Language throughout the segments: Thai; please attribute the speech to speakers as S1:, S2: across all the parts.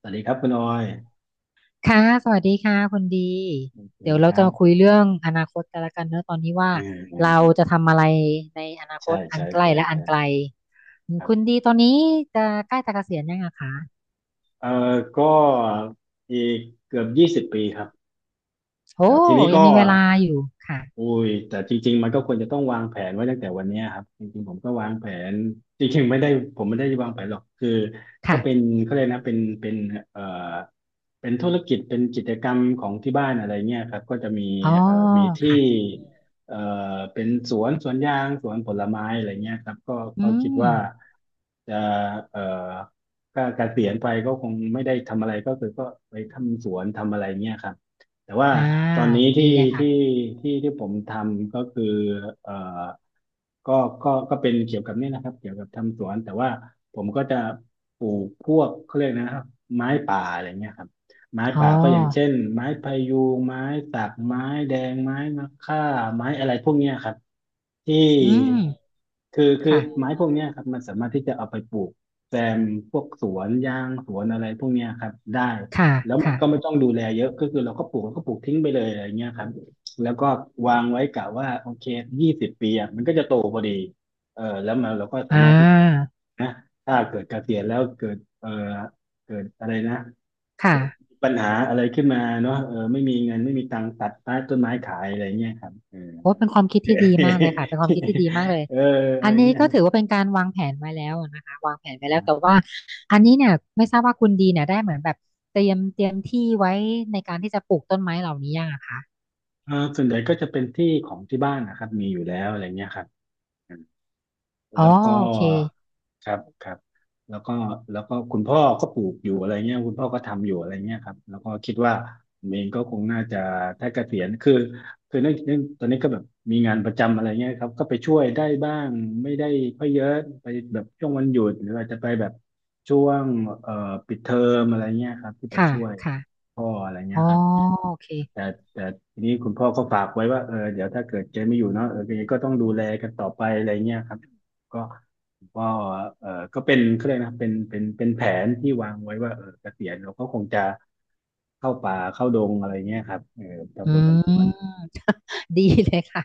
S1: สวัสดีครับคุณออย
S2: ค่ะสวัสดีค่ะคุณดี
S1: โอเค
S2: เดี๋ยว
S1: ค
S2: เราจะ
S1: รับ
S2: มาคุยเรื่องอนาคตกันละกันเนอะตอนนี้ว่า
S1: เออเออ
S2: เรา
S1: เออ
S2: จะทำอะไรในอนาค
S1: ใช่
S2: ตอัน
S1: ใช่
S2: ใกล้
S1: ใช่
S2: และอั
S1: ใช่
S2: นไกลอืม
S1: ครั
S2: คุณ
S1: บ
S2: ดีตอนนี้จะใกล้จะเกษียณยังอะคะ
S1: เออก็อีกเกือบยี่สิบปีครับ
S2: โอ้
S1: แต่ทีนี้
S2: ยัง
S1: ก็
S2: มีเวลาอยู่ค่ะ
S1: อุ้ยแต่จริงๆมันก็ควรจะต้องวางแผนไว้ตั้งแต่วันเนี้ยครับจริงๆผมก็วางแผนจริงๆไม่ได้ผมไม่ได้วางแผนหรอกคือก็
S2: ค่ะ
S1: เป็นเขาเรียกนะเอ่อเป็นธุรกิจเป็นกิจกรรมของที่บ้านอะไรเงี้ยครับก็จะมี
S2: อ๋อ
S1: เอ่อมีที่
S2: ค่ะ
S1: เอ่อเป็นสวนสวนยางสวนผลไม้อะไรเงี้ยครับก็
S2: อื
S1: ก็คิด
S2: ม
S1: ว่าจะเอ่อก็เกษียณไปก็คงไม่ได้ทำอะไรก็คือก็ไปทำสวนทำอะไรเงี้ยครับ แต่ว่า
S2: อ่า
S1: ตอนนี้
S2: ดี
S1: ที่
S2: เลย
S1: ที่
S2: ค่ะ
S1: ที่ผมทำก็คือเอ่อก็ก็เป็นเกี่ยวกับนี่นะครับเกี่ยวกับทำสวนแต่ว่าผมก็จะปลูกพวกเขาเรียกนะครับไม้ป่าอะไรเงี้ยครับไม้
S2: อ๋อ
S1: ป่าก็อย่างเช่นไม้พะยูงไม้สักไม้แดงไม้มะค่าไม้อะไรพวกเนี้ยครับที่
S2: อืม
S1: คือไม้
S2: ค่ะ
S1: พวกเนี้ยครับมันสามารถที่จะเอาไปปลูกแซมพวกสวนยางสวนอะไรพวกเนี้ยครับได้
S2: ค่ะ
S1: ก
S2: ค่ะ
S1: ็ไม่ต้องดูแลเยอะก็คือเราก็ปลูกเราก็ปลูกทิ้งไปเลยอะไรเงี้ยครับแล้วก็วางไว้กะว่าโอเคยี่สิบปีอ่ะมันก็จะโตพอดีเออแล้วมันเราก็สา
S2: อ่
S1: มารถที่
S2: า
S1: นะถ้าเกิดเกษียณแล้วเกิดเออเกิดอะไรนะ
S2: ค่ะ
S1: เกิดปัญหาอะไรขึ้นมาเนาะเออไม่มีเงินไม่มีตังค์ตัดใต้ต้นไม้ขายอะไรเงี้ยครับเออ
S2: โอ้เป็นความคิดที่ดีมากเลยค่ะเป็นความคิดที่ดีมากเล ย
S1: เอออะ
S2: อั
S1: ไร
S2: นนี้
S1: เงี้ย
S2: ก็
S1: ฮะ
S2: ถือว่าเป็นการวางแผนไว้แล้วนะคะวางแผนไว้แล้วแต่ว่าอันนี้เนี่ยไม่ทราบว่าคุณดีเนี่ยได้เหมือนแบบเตรียมที่ไว้ในการที่จะปลูกต้นไม้เหล่านี้ยังอะคะ
S1: เออส่วนใหญ่ก็จะเป็นที่ของที่บ้านนะครับมีอยู่แล้วอะไรเงี้ยครับ แล้
S2: อ๋อ
S1: วก็
S2: โอเค
S1: ครับครับแล้วก็แล้วก็คุณพ่อก็ปลูกอยู่อะไรเงี้ยคุณพ่อก็ทำอยู่อะไรเงี้ยครับแล้วก็คิดว่าผมเองก็คงน่าจะถ้าเกษียณคือคือเนื่องตอนนี้ก็แบบมีงานประจำอะไรเงี้ยครับก็ไปช่วยได้บ้างไม่ได้ค่อยเยอะไปแบบช่วงวันหยุดหรืออาจจะไปแบบช่วงเอ่อปิดเทอมอะไรเงี้ยครับที่ไป
S2: ค่ะ
S1: ช่วย
S2: ค่ะ
S1: พ่ออะไรเงี้
S2: อ๋อ
S1: ยครับ
S2: โอเค
S1: แต่แต่ทีนี้คุณพ่อก็ฝากไว้ว่าเออเดี๋ยวถ้าเกิดเจไม่อยู่เนาะเออแกก็ต้องดูแลกันต่อไปอะไรเงี้ยครับก็คุณพ่อเออก็เป็นเขาเรียกนะเป็นแผนที่วางไว้ว่าเออเกษียณเราก็คงจะเข้าป่าเข้าดงอะไรเงี้ยครับเออ
S2: อื
S1: ทำสวนทำสวน
S2: มดีเลยค่ะ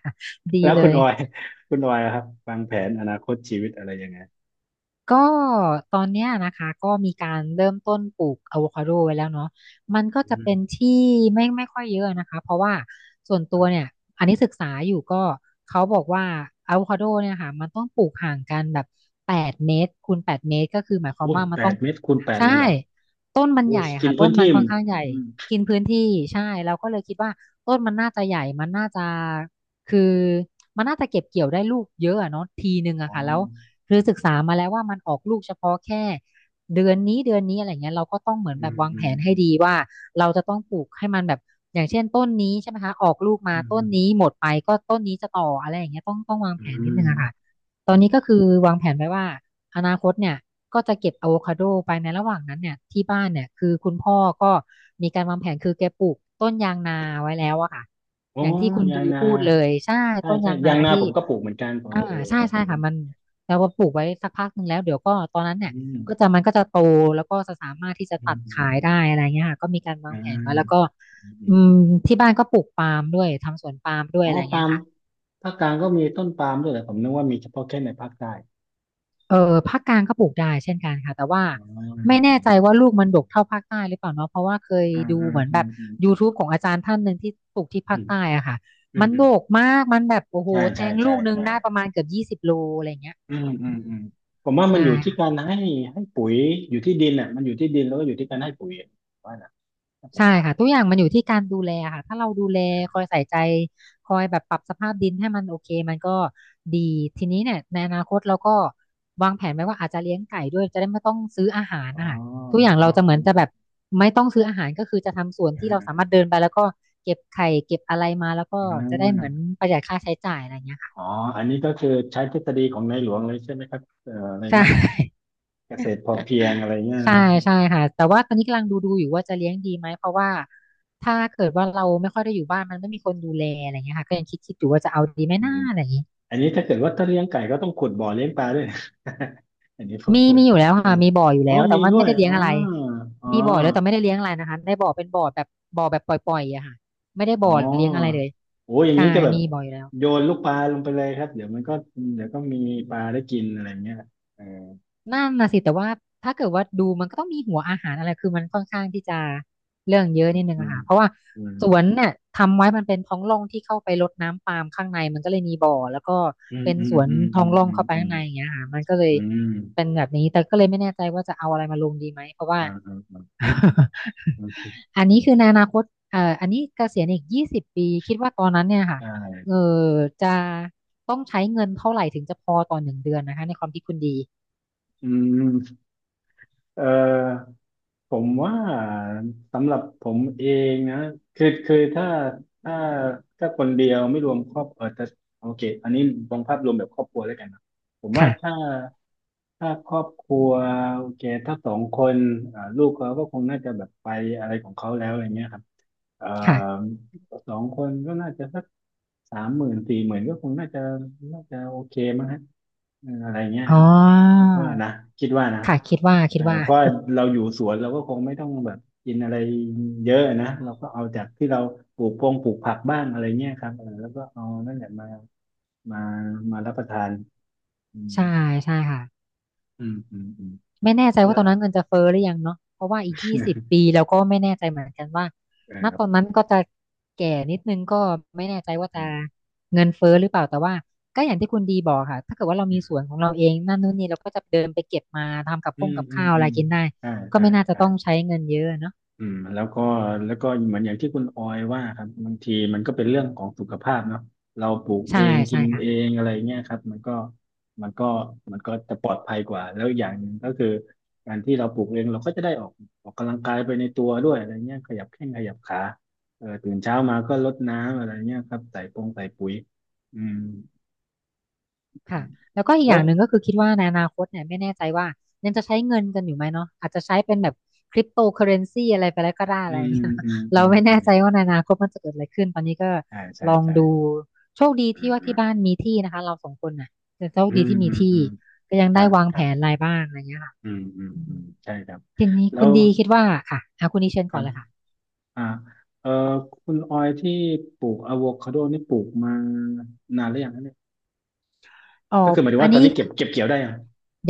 S2: ดี
S1: แล้ว
S2: เล
S1: คุณ
S2: ย
S1: ออย คุณออยอะครับวางแผนอนาคตชีวิตอะไรยังไง
S2: ก็ตอนเนี้ยนะคะก็มีการเริ่มต้นปลูกอะโวคาโดไว้แล้วเนาะมันก็จะ
S1: อื
S2: เป็
S1: ม
S2: นที่ไม่ค่อยเยอะนะคะเพราะว่าส่วนตั
S1: อื
S2: ว
S1: ม
S2: เนี่ยอันนี้ศึกษาอยู่ก็เขาบอกว่าอะโวคาโดเนี่ยค่ะมันต้องปลูกห่างกันแบบ8 เมตรคูณ 8 เมตรก็คือหมายความ
S1: อุ้ย
S2: ว่ามั
S1: แป
S2: นต้อ
S1: ด
S2: ง
S1: เมตรคูณแปด
S2: ใช่
S1: เลยเหรอ
S2: ต้นมัน
S1: อุ้
S2: ให
S1: ย
S2: ญ่อะ
S1: กิน
S2: ค่ะต้
S1: พื้
S2: น
S1: น
S2: มั
S1: ที่
S2: นค่อนข้างใหญ่
S1: อืม
S2: กินพื้นที่ใช่เราก็เลยคิดว่าต้นมันน่าจะใหญ่มันน่าจะคือมันน่าจะเก็บเกี่ยวได้ลูกเยอะอะเนาะทีหนึ่ง
S1: อ๋
S2: อะ
S1: อ
S2: ค่ะแล้ว คือศึกษามาแล้วว่ามันออกลูกเฉพาะแค่เดือนนี้เดือนนี้อะไรเงี้ยเราก็ต้องเหมือน
S1: อื
S2: แบบ
S1: ม
S2: วาง
S1: อื
S2: แผ
S1: ม
S2: น
S1: อื
S2: ให้
S1: ม
S2: ดีว่าเราจะต้องปลูกให้มันแบบอย่างเช่นต้นนี้ใช่ไหมคะออกลูกมา
S1: อืม
S2: ต้
S1: อื
S2: น
S1: ม
S2: นี้หมดไปก็ต้นนี้จะต่ออะไรอย่างเงี้ยต้องวางแผนนิดนึงอะค่ะตอ
S1: อื
S2: นนี้
S1: ม
S2: ก็คือวางแผนไว้ว่าอนาคตเนี่ยก็จะเก็บอะโวคาโดไปในระหว่างนั้นเนี่ยที่บ้านเนี่ยคือคุณพ่อก็มีการวางแผนคือแกปลูกต้นยางนาไว้แล้วอะค่ะ
S1: อ๋อ
S2: อย่างที่คุณ
S1: ยา
S2: ดี
S1: งนา
S2: พูดเลยใช่
S1: ใช่
S2: ต้น
S1: ใช่
S2: ยางนา
S1: ยางนา
S2: ที่
S1: ผมก็ปลูกเหมือนกันผม
S2: อ่า
S1: เออเออ
S2: ใช่
S1: เออผ
S2: ใช่
S1: มก็
S2: ค่ะมันเราก็ปลูกไว้สักพักหนึ่งแล้วเดี๋ยวก็ตอนนั้นเนี่
S1: อื
S2: ย
S1: ม
S2: ก็จะมันก็จะโตแล้วก็จะสามารถที่จะ
S1: อื
S2: ตั
S1: ม
S2: ด
S1: อืม
S2: ขาย
S1: อื
S2: ได้
S1: ม
S2: อะไรเงี้ยค่ะก็มีการวา
S1: อ่
S2: งแผนไว้แล้วก็
S1: าอืมอื
S2: อื
S1: ม
S2: มที่บ้านก็ปลูกปาล์มด้วยทำสวนปาล์มด้วย
S1: อ๋อ
S2: อะไรเงี้
S1: ปา
S2: ย
S1: ล์ม
S2: ค่ะ
S1: ภาคกลางก็มีต้นปาล์มด้วยเหรอผมนึกว่ามีเฉพาะแค่ในภาคใต้
S2: เออภาคกลางก็ปลูกได้เช่นกันค่ะแต่ว่า
S1: อ๋
S2: ไม่
S1: อ
S2: แน่ใจว่าลูกมันดกเท่าภาคใต้หรือเปล่าเนาะเพราะว่าเคย
S1: อืม
S2: ดู
S1: อืม
S2: เหมือน
S1: อื
S2: แบบ
S1: มอืมอืม
S2: YouTube ของอาจารย์ท่านหนึ่งที่ปลูกที่
S1: อื
S2: ภาค
S1: ม
S2: ใต้อะค่ะ
S1: อื
S2: มั
S1: ม
S2: น
S1: อืมอื
S2: ด
S1: ม
S2: กมากมันแบบโอ้โห
S1: ใช่
S2: แท
S1: ใช่
S2: งลู
S1: ใช่
S2: กหนึง
S1: ใช่
S2: ได้ประมาณเกือบ 20 โลอะไรเงี้ย
S1: อืมอืมอืมผมว่ามั
S2: ใช่
S1: นอยู่ที่
S2: ค่ะ
S1: การให้ให้ปุ๋ยอยู่ที่ดินอ่ะมันอยู่ที่ดินแล้วก็อยู่ที่การให้ปุ๋ยว่านะถ้าปลูก
S2: ใช่
S1: ปาล์
S2: ค่ะ
S1: ม
S2: ทุกอย่างมันอยู่ที่การดูแลค่ะถ้าเราดูแลคอยใส่ใจคอยแบบปรับสภาพดินให้มันโอเคมันก็ดีทีนี้เนี่ยในอนาคตเราก็วางแผนไว้ว่าอาจจะเลี้ยงไก่ด้วยจะได้ไม่ต้องซื้ออาหาร
S1: อ๋อ
S2: นะคะทุกอย่าง
S1: อ๋
S2: เรา
S1: อ
S2: จะเห
S1: อ๋
S2: มื
S1: อ
S2: อนจะแบบไม่ต้องซื้ออาหารก็คือจะทำสวน
S1: อ๋
S2: ที่เราสามารถ
S1: อ
S2: เดินไปแล้วก็เก็บไข่เก็บอะไรมาแล้วก็
S1: อ๋
S2: จะได้เหมือน
S1: อ
S2: ประหยัดค่าใช้จ่ายอะไรอย่างเงี้ยค่ะ
S1: อ๋ออันนี้ก็คือใช้ทฤษฎีของในหลวงเลยใช่ไหมครับอะไร
S2: ใช่
S1: นะเกษตรพอเพียงอะไรเงี้ย
S2: ใช่
S1: นะ
S2: ใช่ค่ะแต่ว่าตอนนี้กำลังดูอยู่ว่าจะเลี้ยงดีไหมเพราะว่าถ้าเกิดว่าเราไม่ค่อยได้อยู่บ้านมันไม่มีคนดูแลอะไรเงี้ยค่ะก็ยังคิดอยู่ว่าจะเอาดีไหม
S1: อื
S2: หน้า
S1: ม
S2: อะไรอย่างงี้
S1: อันนี้ถ้าเกิดว่าถ้าเลี้ยงไก่ก็ต้องขุดบ่อเลี้ยงปลาด้วย อันนี้ผม
S2: มี
S1: พูด
S2: มีอยู่แล้ว
S1: เอ
S2: ค่ะ
S1: ง
S2: มีบ่ออยู่
S1: อ๋อ
S2: แล้วแต่
S1: มี
S2: ว่า
S1: ด้ว
S2: ไม่
S1: ย
S2: ได้เลี้
S1: อ๋
S2: ย
S1: อ
S2: งอะไร
S1: อ๋อ
S2: มีบ่อแล้วแต่ไม่ได้เลี้ยงอะไรนะคะได้บ่อเป็นบ่อแบบบ่อแบบปล่อยๆอะค่ะไม่ได้
S1: อ๋
S2: บ่
S1: อ
S2: อเลี้ยงอะไรเลย
S1: โอ้อย่าง
S2: ใช่
S1: นี้ก็แบบ
S2: มีบ่ออยู่แล้ว
S1: โยนลูกปลาลงไปเลยครับ เดี๋ยวมันก็เดี๋ยวก็มีปลาได้กินอะไรเงี้ยเออ
S2: นั่นน่ะสิแต่ว่าถ้าเกิดว่าดูมันก็ต้องมีหัวอาหารอะไรคือมันค่อนข้างที่จะเรื่องเยอะนิดนึง
S1: อื
S2: อะ
S1: ม
S2: ค่ะเพราะว่า
S1: อืม
S2: สวนเนี่ยทำไว้มันเป็นท้องร่องที่เข้าไปรดน้ำปาล์มข้างในมันก็เลยมีบ่อแล้วก็
S1: อืม
S2: เป็น
S1: อื
S2: ส
S1: ม
S2: วน
S1: อืม
S2: ท้
S1: อื
S2: อง
S1: ม
S2: ร่องเข้าไป
S1: อื
S2: ข้าง
S1: ม
S2: ในอย่างเงี้ยค่ะมันก็เลย
S1: อืมอืม
S2: เป็นแบบนี้แต่ก็เลยไม่แน่ใจว่าจะเอาอะไรมาลงดีไหมเพราะว่า
S1: อ่าอ่าอ่าอืม
S2: อันนี้คือในอนาคตอันนี้เกษียณอีก20 ปีคิดว่าตอนนั้นเนี่ยค่ะ
S1: ใช่
S2: เออจะต้องใช้เงินเท่าไหร่ถึงจะพอต่อ1 เดือนนะคะในความคิดคุณดี
S1: อืมเออ ผมว่าสำหรับผมเองนะคือคือถ้าถ้าถ้าคนเดียวไม่รวมครอบเออแต่โอเคอันนี้มองภาพรวมแบบครอบครัวแล้วกันนะผมว่าถ้า
S2: ค่ะ
S1: ครอบครัวโอเคถ้าสองคนอ่าลูกเขาก็คงน่าจะแบบไปอะไรของเขาแล้วอะไรเงี้ยครับเอ่อ
S2: ค่ะ
S1: สองคนก็น่าจะสัก30,000 40,000ก็คงน่าจะน่าจะโอเคมั้งฮะเอออะไรเงี้ย
S2: อ๋อ
S1: คิดว่านะคิดว่านะ
S2: ค่ะคิดว่า
S1: เอ
S2: คิด
S1: อ
S2: ว่า
S1: เพราะเราอยู่สวนเราก็คงไม่ต้องแบบกินอะไรเยอะนะเราก็เอาจากที่เราปลูกพงปลูกผักบ้างอะไรเงี้ยครับเออแล้วก็เอานั่นแหละมามามารับประทานอืม
S2: ใช่ ใช่ค่ะ
S1: อืมอืมอืม
S2: ไม่แน่ใจว่า
S1: แล้
S2: ต
S1: ว
S2: อน นั้นเงินจะเฟ้อหรือยังเนาะเพราะว่าอีก20 ปีเราก็ไม่แน่ใจเหมือนกันว่า
S1: เออ
S2: ณ
S1: ครั
S2: ต
S1: บ
S2: อนนั้นก็จะแก่นิดนึงก็ไม่แน่ใจว่า
S1: อื
S2: จะ
S1: ม
S2: เงินเฟ้อหรือเปล่า แต่ว่าก็อย่างที่คุณดีบอกค่ะถ้าเกิดว่าเรา
S1: อื
S2: มี
S1: ม
S2: สวนของเราเองนั่นนู่นนี่เราก็จะเดินไปเก็บมาทำกับ
S1: อื
S2: ข้อง
S1: ม
S2: กับ
S1: อืม
S2: ข้าวอะ
S1: อื
S2: ไร
S1: ม
S2: กินได้
S1: ใช่
S2: ก็
S1: ใช่
S2: ไม่น่าจะ
S1: ใช่
S2: ต้องใช้เงินเยอะเนาะ
S1: อืมแล้วก็เหมือนอย่างที่คุณออยว่าครับบางทีมันก็เป็นเรื่องของสุขภาพเนาะเราปลูก
S2: ใช่
S1: เองกิ
S2: ใช่
S1: น
S2: ค่ะ
S1: เองอะไรเงี้ยครับมันก็มันก็จะปลอดภัยกว่าแล้วอย่างหนึ่งก็คือการที่เราปลูกเองเราก็จะได้ออกกำลังกายไปในตัวด้วยอะไรเงี้ยขยับแข้งขยับขาเออตื่นเช้ามาก็รดน้ำอะไรเงี้ยครับใส่ปุ๋ยอืมอ่ะ
S2: ค่ะแล้วก็อีกอ
S1: แล้
S2: ย่า
S1: ว
S2: งหนึ่งก็คือคิดว่าในอนาคตเนี่ยไม่แน่ใจว่ายังจะใช้เงินกันอยู่ไหมเนาะอาจจะใช้เป็นแบบคริปโตเคอเรนซีอะไรไปแล้วก็ได้
S1: อื
S2: อะไรอย่างเงี้
S1: ม
S2: ย
S1: อืมอื
S2: เรา
S1: ม
S2: ไม่
S1: อื
S2: แน่
S1: ม
S2: ใจว่าในอนาคตมันจะเกิดอะไรขึ้นตอนนี้ก็
S1: ใช่ใช่
S2: ลอง
S1: ใช่
S2: ดูโชคดี
S1: อื
S2: ที่
S1: ม
S2: ว่า
S1: อืม
S2: ที่บ้านมีที่นะคะเราสองคนน่ะแต่โชค
S1: อื
S2: ดี
S1: ม
S2: ที่มี
S1: อืม
S2: ที่
S1: อืม
S2: ก็ยัง
S1: ครั
S2: ได้
S1: บ
S2: วางแผนรายบ้างอะไรเงี้ยค่ะ
S1: อืมอืม
S2: อื
S1: อื
S2: ม
S1: มใช่ครับ
S2: ทีนี้
S1: แล้
S2: คุณ
S1: ว
S2: ดีคิดว่าค่ะอ่ะคุณดีเชิญ
S1: ค
S2: ก่
S1: รั
S2: อน
S1: บ
S2: เลยค่ะ
S1: อ่าเออคุณออยที่ปลูกอะโวคาโดนี่ปลูกมานานหรือยังนะเนี่ย
S2: อ๋อ
S1: ก็คือหมายถึง
S2: อัน
S1: ว่าตอ
S2: นี้
S1: นนี้เก็บ
S2: คือ
S1: เก็บเกี่ยวได้ยัง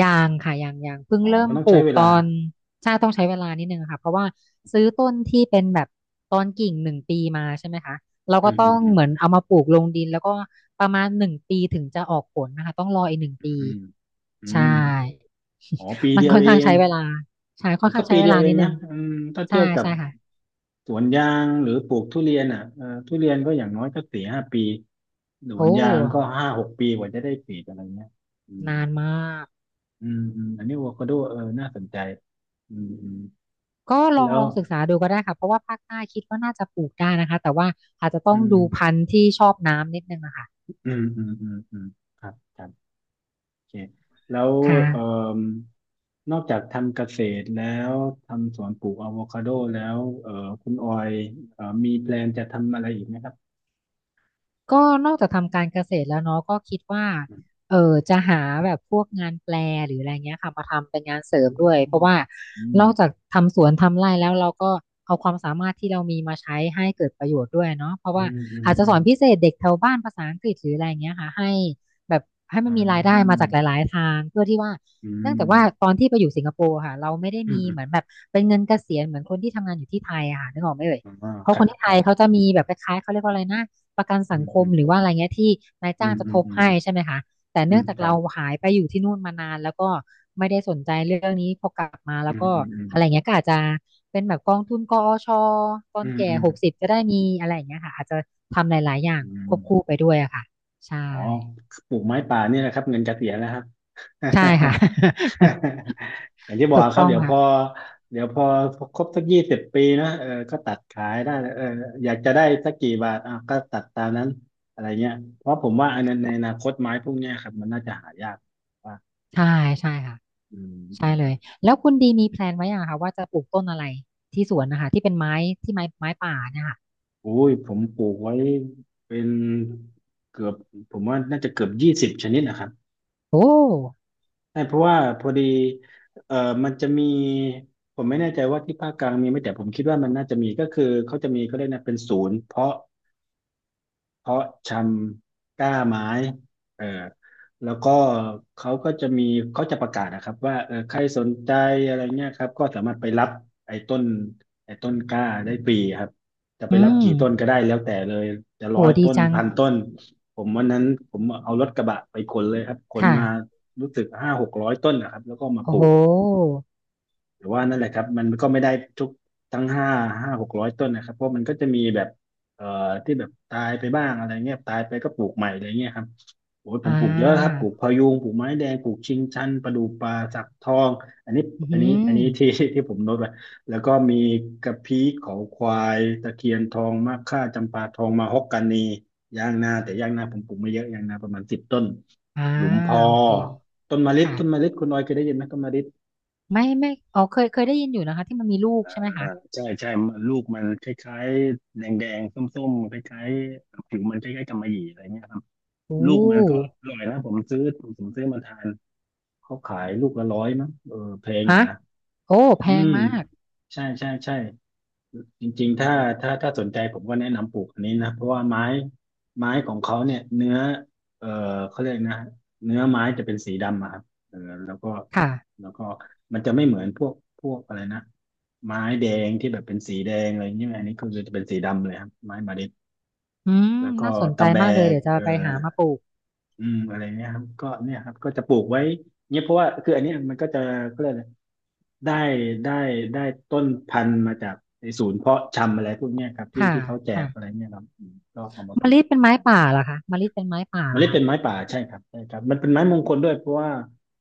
S2: ยางค่ะยางยางเพิ่ง
S1: อ๋อ
S2: เริ่
S1: มั
S2: ม
S1: นต้อง
S2: ป
S1: ใช้
S2: ลูก
S1: เว
S2: ต
S1: ลา
S2: อนใช่ต้องใช้เวลานิดนึงค่ะเพราะว่าซื้อต้นที่เป็นแบบตอนกิ่งหนึ่งปีมาใช่ไหมคะเรา
S1: อื
S2: ก็
S1: ม
S2: ต้
S1: อื
S2: อ
S1: ม
S2: ง
S1: อืม
S2: เหมือนเอามาปลูกลงดินแล้วก็ประมาณหนึ่งปีถึงจะออกผลนะคะต้องรออีกหนึ่งปี
S1: อืมอื
S2: ใช่
S1: มอ๋อปี
S2: มัน
S1: เดียว
S2: ค่อน
S1: เอ
S2: ข้าง
S1: ง
S2: ใช้เวลาใช่ค่อ
S1: เดี๋ย
S2: น
S1: วก็
S2: ข้างใช้
S1: ปี
S2: เว
S1: เดียว
S2: ลา
S1: เอ
S2: นิ
S1: ง
S2: ดนึ
S1: นะ
S2: ง
S1: อืมถ้า
S2: ใช่
S1: เทียบกับ
S2: ใช่ค่ะ
S1: สวนยางหรือปลูกทุเรียนอ่ะเออทุเรียนก็อย่างน้อยก็สี่ห้าปีสว
S2: โอ้
S1: นยางก็5-6 ปีกว่าจะได้ผลีอะไรเงี้ยอืม
S2: นานมาก
S1: อืมอืมอันนี้อะโวคาโดเออน่าสนใจอืม
S2: ก็ลอง
S1: แล้
S2: ล
S1: ว
S2: องศึกษาดูก็ได้ค่ะเพราะว่าภาคใต้คิดว่าน่าจะปลูกได้นะคะแต่ว่าอาจจะต้
S1: อื
S2: องดูพั
S1: ม
S2: นธุ์ที่ชอบน้ำนิดนึงอะค่ะ
S1: อืมอืมอืมอืมครับครับโอเคแล้ว
S2: ค่ะ
S1: เอ่มนอกจากทำเกษตรแล้วทำสวนปลูกอะโวคาโดแล้วคุณออยมีแพลนจะทำอะไรอีกไหมครับ
S2: ก็นอกจากทำการเกษตรแล้วเนาะก็คิดว่าเออจะหาแบบพวกงานแปลหรืออะไรเงี้ยค่ะมาทำเป็นงานเสริมด้วยเพราะว่า
S1: อื
S2: น
S1: ม
S2: อกจากทำสวนทำไร่แล้วเราก็เอาความสามารถที่เรามีมาใช้ให้เกิดประโยชน์ด้วยเนาะเพราะ
S1: อื
S2: ว่า
S1: มอืม
S2: อาจจะ
S1: อื
S2: ส
S1: ม
S2: อ
S1: อืม
S2: นพิเศษเด็กแถวบ้านภาษาอังกฤษหรืออะไรเงี้ยค่ะให้แบบให้มั
S1: อ
S2: นมีรายได้มา
S1: า
S2: จากหลายๆทางเพื่อที่ว่า
S1: อื
S2: เนื่องจากว่า
S1: ม
S2: ตอนที่ไปอยู่สิงคโปร์ค่ะเราไม่ได้
S1: อืม
S2: มี
S1: อืม
S2: เหมือนแบบเป็นเงินเกษียณเหมือนคนที่ทำงานอยู่ที่ไทยอะค่ะนึกออกไหมเอ่ย
S1: อ๋อ
S2: เพ
S1: ค
S2: ราะ
S1: รั
S2: คน
S1: บ
S2: ที่
S1: ค
S2: ไท
S1: รั
S2: ยเขา
S1: บ
S2: จะมีแบบคล้ายๆเขาเรียกว่าอะไรนะ ประกัน
S1: อื
S2: สัง
S1: ม
S2: ค
S1: อื
S2: ม
S1: ม
S2: หรือว่าอะไรเงี้ยที่นาย
S1: อื
S2: จ้าง
S1: ม
S2: จะ
S1: อื
S2: ท
S1: ม
S2: บ
S1: อืม
S2: ให้ใช่ไหมคะแต่
S1: อื
S2: เนื่
S1: ม
S2: องจาก
S1: ครั
S2: เรา
S1: บ
S2: หายไปอยู่ที่นู่นมานานแล้วก็ไม่ได้สนใจเรื่องนี้พอกลับมา
S1: อื
S2: แล้ว
S1: ม
S2: ก็
S1: อืมอืม
S2: อะไรเงี้ยก็อาจจะเป็นแบบกองทุนกอชตอ
S1: อื
S2: น
S1: ม
S2: แก่
S1: อืม
S2: 60จะได้มีอะไรอย่างเงี้ยค่ะอาจจะทำหลายๆอย่าง
S1: อื
S2: ควบคู่
S1: ม
S2: ไปด้วยอะค่ะใช่
S1: อ๋อปลูกไม้ป่าเนี่ยแหละครับเงินระเสียณแล้วครับ
S2: ใช่ค่ะ
S1: อย่างที่บ อก
S2: ถูก
S1: ครับ
S2: ต้อง
S1: เดี๋ยวพอ
S2: ค่ะ
S1: เดี๋ยวพอครบสัก20 ปีนะเออก็ตัดขายได้เอออยากจะได้สักกี่บาทอ่ะก็ตัดตามนั้นอะไรเงี้ย เพราะผมว่าอันนั้นในอนาคตไม้พวกเนี้ยครับมันน่าจะหายากว่า
S2: ใช่ใช่ค่ะ
S1: อืมอื
S2: ใช่
S1: ม
S2: เลยแล้วคุณดีมีแพลนไว้ยังคะว่าจะปลูกต้นอะไรที่สวนนะคะที่เป็นไม้ที่ไม้ไม้ป่าเนี่ยค่ะ
S1: โอุ้ย ผมปลูกไว้เป็นเกือบผมว่าน่าจะเกือบ20 ชนิดนะครับ
S2: โอ้
S1: ใช่เพราะว่าพอดีเอ่อมันจะมีผมไม่แน่ใจว่าที่ภาคกลางมีไหมแต่ผมคิดว่ามันน่าจะมีก็คือเขาจะมีเขาเรียกนะเป็นศูนย์เพาะชำกล้าไม้เออแล้วก็เขาก็จะมีเขาจะประกาศนะครับว่าเออใครสนใจอะไรเงี้ยครับก็สามารถไปรับไอ้ต้นไอ้ต้นกล้าได้ฟรีครับจะไป
S2: อื
S1: รับ
S2: ม
S1: กี่ต้นก็ได้แล้วแต่เลยจะ
S2: โห
S1: ร้อย
S2: ดี
S1: ต้น
S2: จัง
S1: พันต้นผมวันนั้นผมเอารถกระบะไปขนเลยครับขน
S2: ค่ะ
S1: มารู้สึกห้าหกร้อยต้นนะครับแล้วก็มาป
S2: โอ้
S1: ลู
S2: โห
S1: ก แต่ว่านั่นแหละครับมันก็ไม่ได้ทุกทั้งห้าหกร้อยต้นนะครับเพราะมันก็จะมีแบบเอ่อที่แบบตายไปบ้างอะไรเงี้ยตายไปก็ปลูกใหม่อะไรเงี้ยครับโอ้ยผ
S2: อ่
S1: มปลูกเยอะครับ
S2: า
S1: ปลูกพะยูงปลูกไม้แดงปลูกชิงชันประดู่ป่าสักทองอันนี้
S2: อื
S1: อันนี้อัน
S2: ม
S1: นี้ ที่ที่ผมโน้ตไว้แล้วก็มีกระพี้เขาควายตะเคียนทองมะค่าจำปาทองมาฮอกกานียางนาแต่ยางนาผมปลูกไม่เยอะยางนาประมาณ10 ต้น
S2: อ่า
S1: หลุมพอ
S2: โอเค
S1: ต้นมะลิ
S2: ค่ะ
S1: ต้นมะลิคุณออยเคยได้ยินไหมต้นมะลิ
S2: ไม่ไม่อ๋อเคยเคยได้ยินอยู่นะคะที่มันมีลูกใช่ไหม
S1: อ่า
S2: คะ
S1: ใช่ใช่มันลูกมันคล้ายๆแดงแดงส้มๆคล้ายๆผิวมันคล้ายๆกำมะหยี่อะไรเงี้ยครับ
S2: โอ้
S1: ลูกมันก็อร่อยนะผมซื้อมาทานเขาขายลูกละร้อยมั้งเออแพงอยู่
S2: ฮะ
S1: นะ
S2: โอ้แพ
S1: อื
S2: ง
S1: ม
S2: มาก
S1: ใช่ใช่ใช่ จริงๆถ้าสนใจผมก็แนะนำปลูกอันนี้นะเพราะว่าไม้ของเขาเนี่ยเออเขาเรียกนะเนื้อไม้จะเป็นสีดำอะครับเออแล้วก็
S2: ค่ะ
S1: แล้วก็มันจะไม่เหมือนพวกอะไรนะไม้แดงที่แบบเป็นสีแดงอะไรอย่างเงี้ยอันนี้คือจะเป็นสีดำเลยครับไม้มาดิบ
S2: อืม
S1: แล้วก็
S2: น่าสนใจ
S1: ตะแบ
S2: มากเลย
S1: ก
S2: เดี๋ยวจะ
S1: เออ
S2: ไปหามาปลูก
S1: อืมอะไรเงี้ยครับก็เนี่ยครับก็จะปลูกไว้เนี้ยเพราะว่าคืออันเนี้ยมันก็จะก็เลยกอะไรได้ได้ได้ต้นพันธุ์มาจากไอ้ศูนย์เพาะชำอะไรพวกเนี้ยครับที่
S2: ค่ะ
S1: ที่เขาแจก
S2: ค่ะ
S1: อะไรเงี้ยครับอืมก็เอามาป
S2: มะ
S1: ลู
S2: ลิ
S1: ก
S2: เป็นไม้ป่าเหรอคะมะลิเป็นไม้ป่า
S1: เม
S2: เหรอ
S1: ล็ด
S2: คะ
S1: เป็นไม้ป่าใช่ครับใช่ครับมันเป็นไม้มงคลด้วยเพราะว่า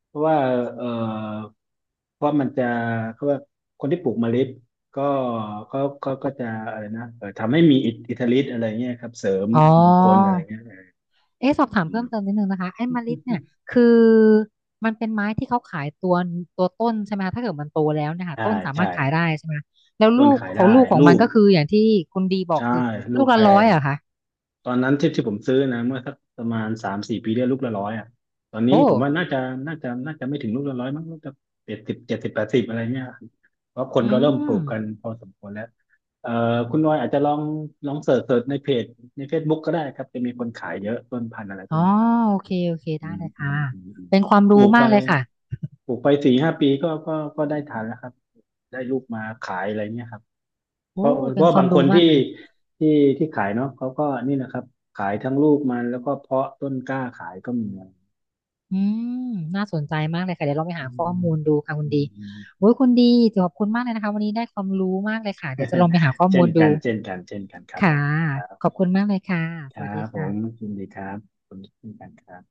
S1: เพราะว่าเอ่อเพราะมันจะเขาว่าคนที่ปลูกเมล็ดก็เขาก็จะอะไรนะทำให้มีอิทธิฤทธิ์อะไรเงี้ยครับเสริม
S2: อ๋อ
S1: มงคลอะไรเงี้ยเออ
S2: เอ๊ะสอบถาม
S1: อื
S2: เพิ่ม
S1: ม
S2: เติมนิดนึงนะคะไอ้มะลิเนี่ยคือมันเป็นไม้ที่เขาขายตัวตัวต้นใช่ไหมคะถ้าเกิดมันโตแล้วเนะคะ
S1: ใช่
S2: ต้นสา
S1: ใช่
S2: มารถขายได้ใช่ไหมคะแล้ว
S1: ต้น
S2: ลูก
S1: ขาย
S2: ของ
S1: ได้
S2: ลูกของ
S1: ลู
S2: มัน
S1: ก
S2: ก็คืออย่างที่คุณดีบอก
S1: ใช่
S2: คือ
S1: ลู
S2: ลู
S1: ก
S2: ก
S1: แพ
S2: ละ100
S1: ง
S2: อะคะ
S1: ตอนนั้นที่ที่ผมซื้อนะเมื่อสักประมาณ3-4 ปีได้ลูกละร้อยอ่ะตอน
S2: โอ
S1: นี้ผมว่า
S2: ้
S1: น่าจะไม่ถึงลูกละร้อยมั้งลูกจะเจ็ดสิบเจ็ดสิบ80อะไรเนี่ยเพราะคน
S2: อื
S1: ก็เริ่มปลู
S2: ม
S1: กกันพอสมควรแล้วเอ่อคุณนอยอาจจะลองเสิร์ชในเพจใน Facebook ก็ได้ครับจะมีคนขายเยอะต้นพันธุ์อะไรพ
S2: อ๋
S1: วก
S2: อ
S1: เนี้ยครับ
S2: โอเคโอเค
S1: อื
S2: ได้
S1: ม
S2: เลย
S1: อื
S2: ค่ะ
S1: มอืมอืม
S2: เป็นความ
S1: ปลู
S2: รู้
S1: กไป
S2: มากเลยค่ะ
S1: ปลูกไปสี่ห้าปีก็ได้ทานแล้วครับได้ลูกมาขายอะไรเนี่ยครับ เพ
S2: โอ้
S1: ราะเพ
S2: เป็น
S1: ราะ
S2: ควา
S1: บา
S2: ม
S1: งค
S2: รู้
S1: น
S2: มา
S1: ที่
S2: กเลย
S1: ที่ที่ขายเนาะเขาก็นี่นะครับขายทั้งลูกมันแล้วก็เพาะต้นกล้าขายก็มีนะ
S2: อืมน่าสนใจมากเลยค่ะเดี๋ยวเราไป
S1: อื
S2: หาข้อ
S1: ม
S2: มูลดูค่ะคุ
S1: อื
S2: ณดี
S1: มอืม
S2: โอ้ยคุณดีขอบคุณมากเลยนะคะวันนี้ได้ความรู้มากเลยค่ะเดี๋ยวจะลองไปหาข้อ
S1: เช่
S2: มู
S1: น
S2: ล
S1: กั
S2: ดู
S1: นเช่นกันเช่นกันครับผ
S2: ค่ะ
S1: มครับ
S2: ขอบคุณมากเลยค่ะ
S1: ค
S2: ส
S1: รั
S2: วัสดี
S1: บผม
S2: ค่ะ
S1: ยินดีครับขอบคุณเช่นกันครับ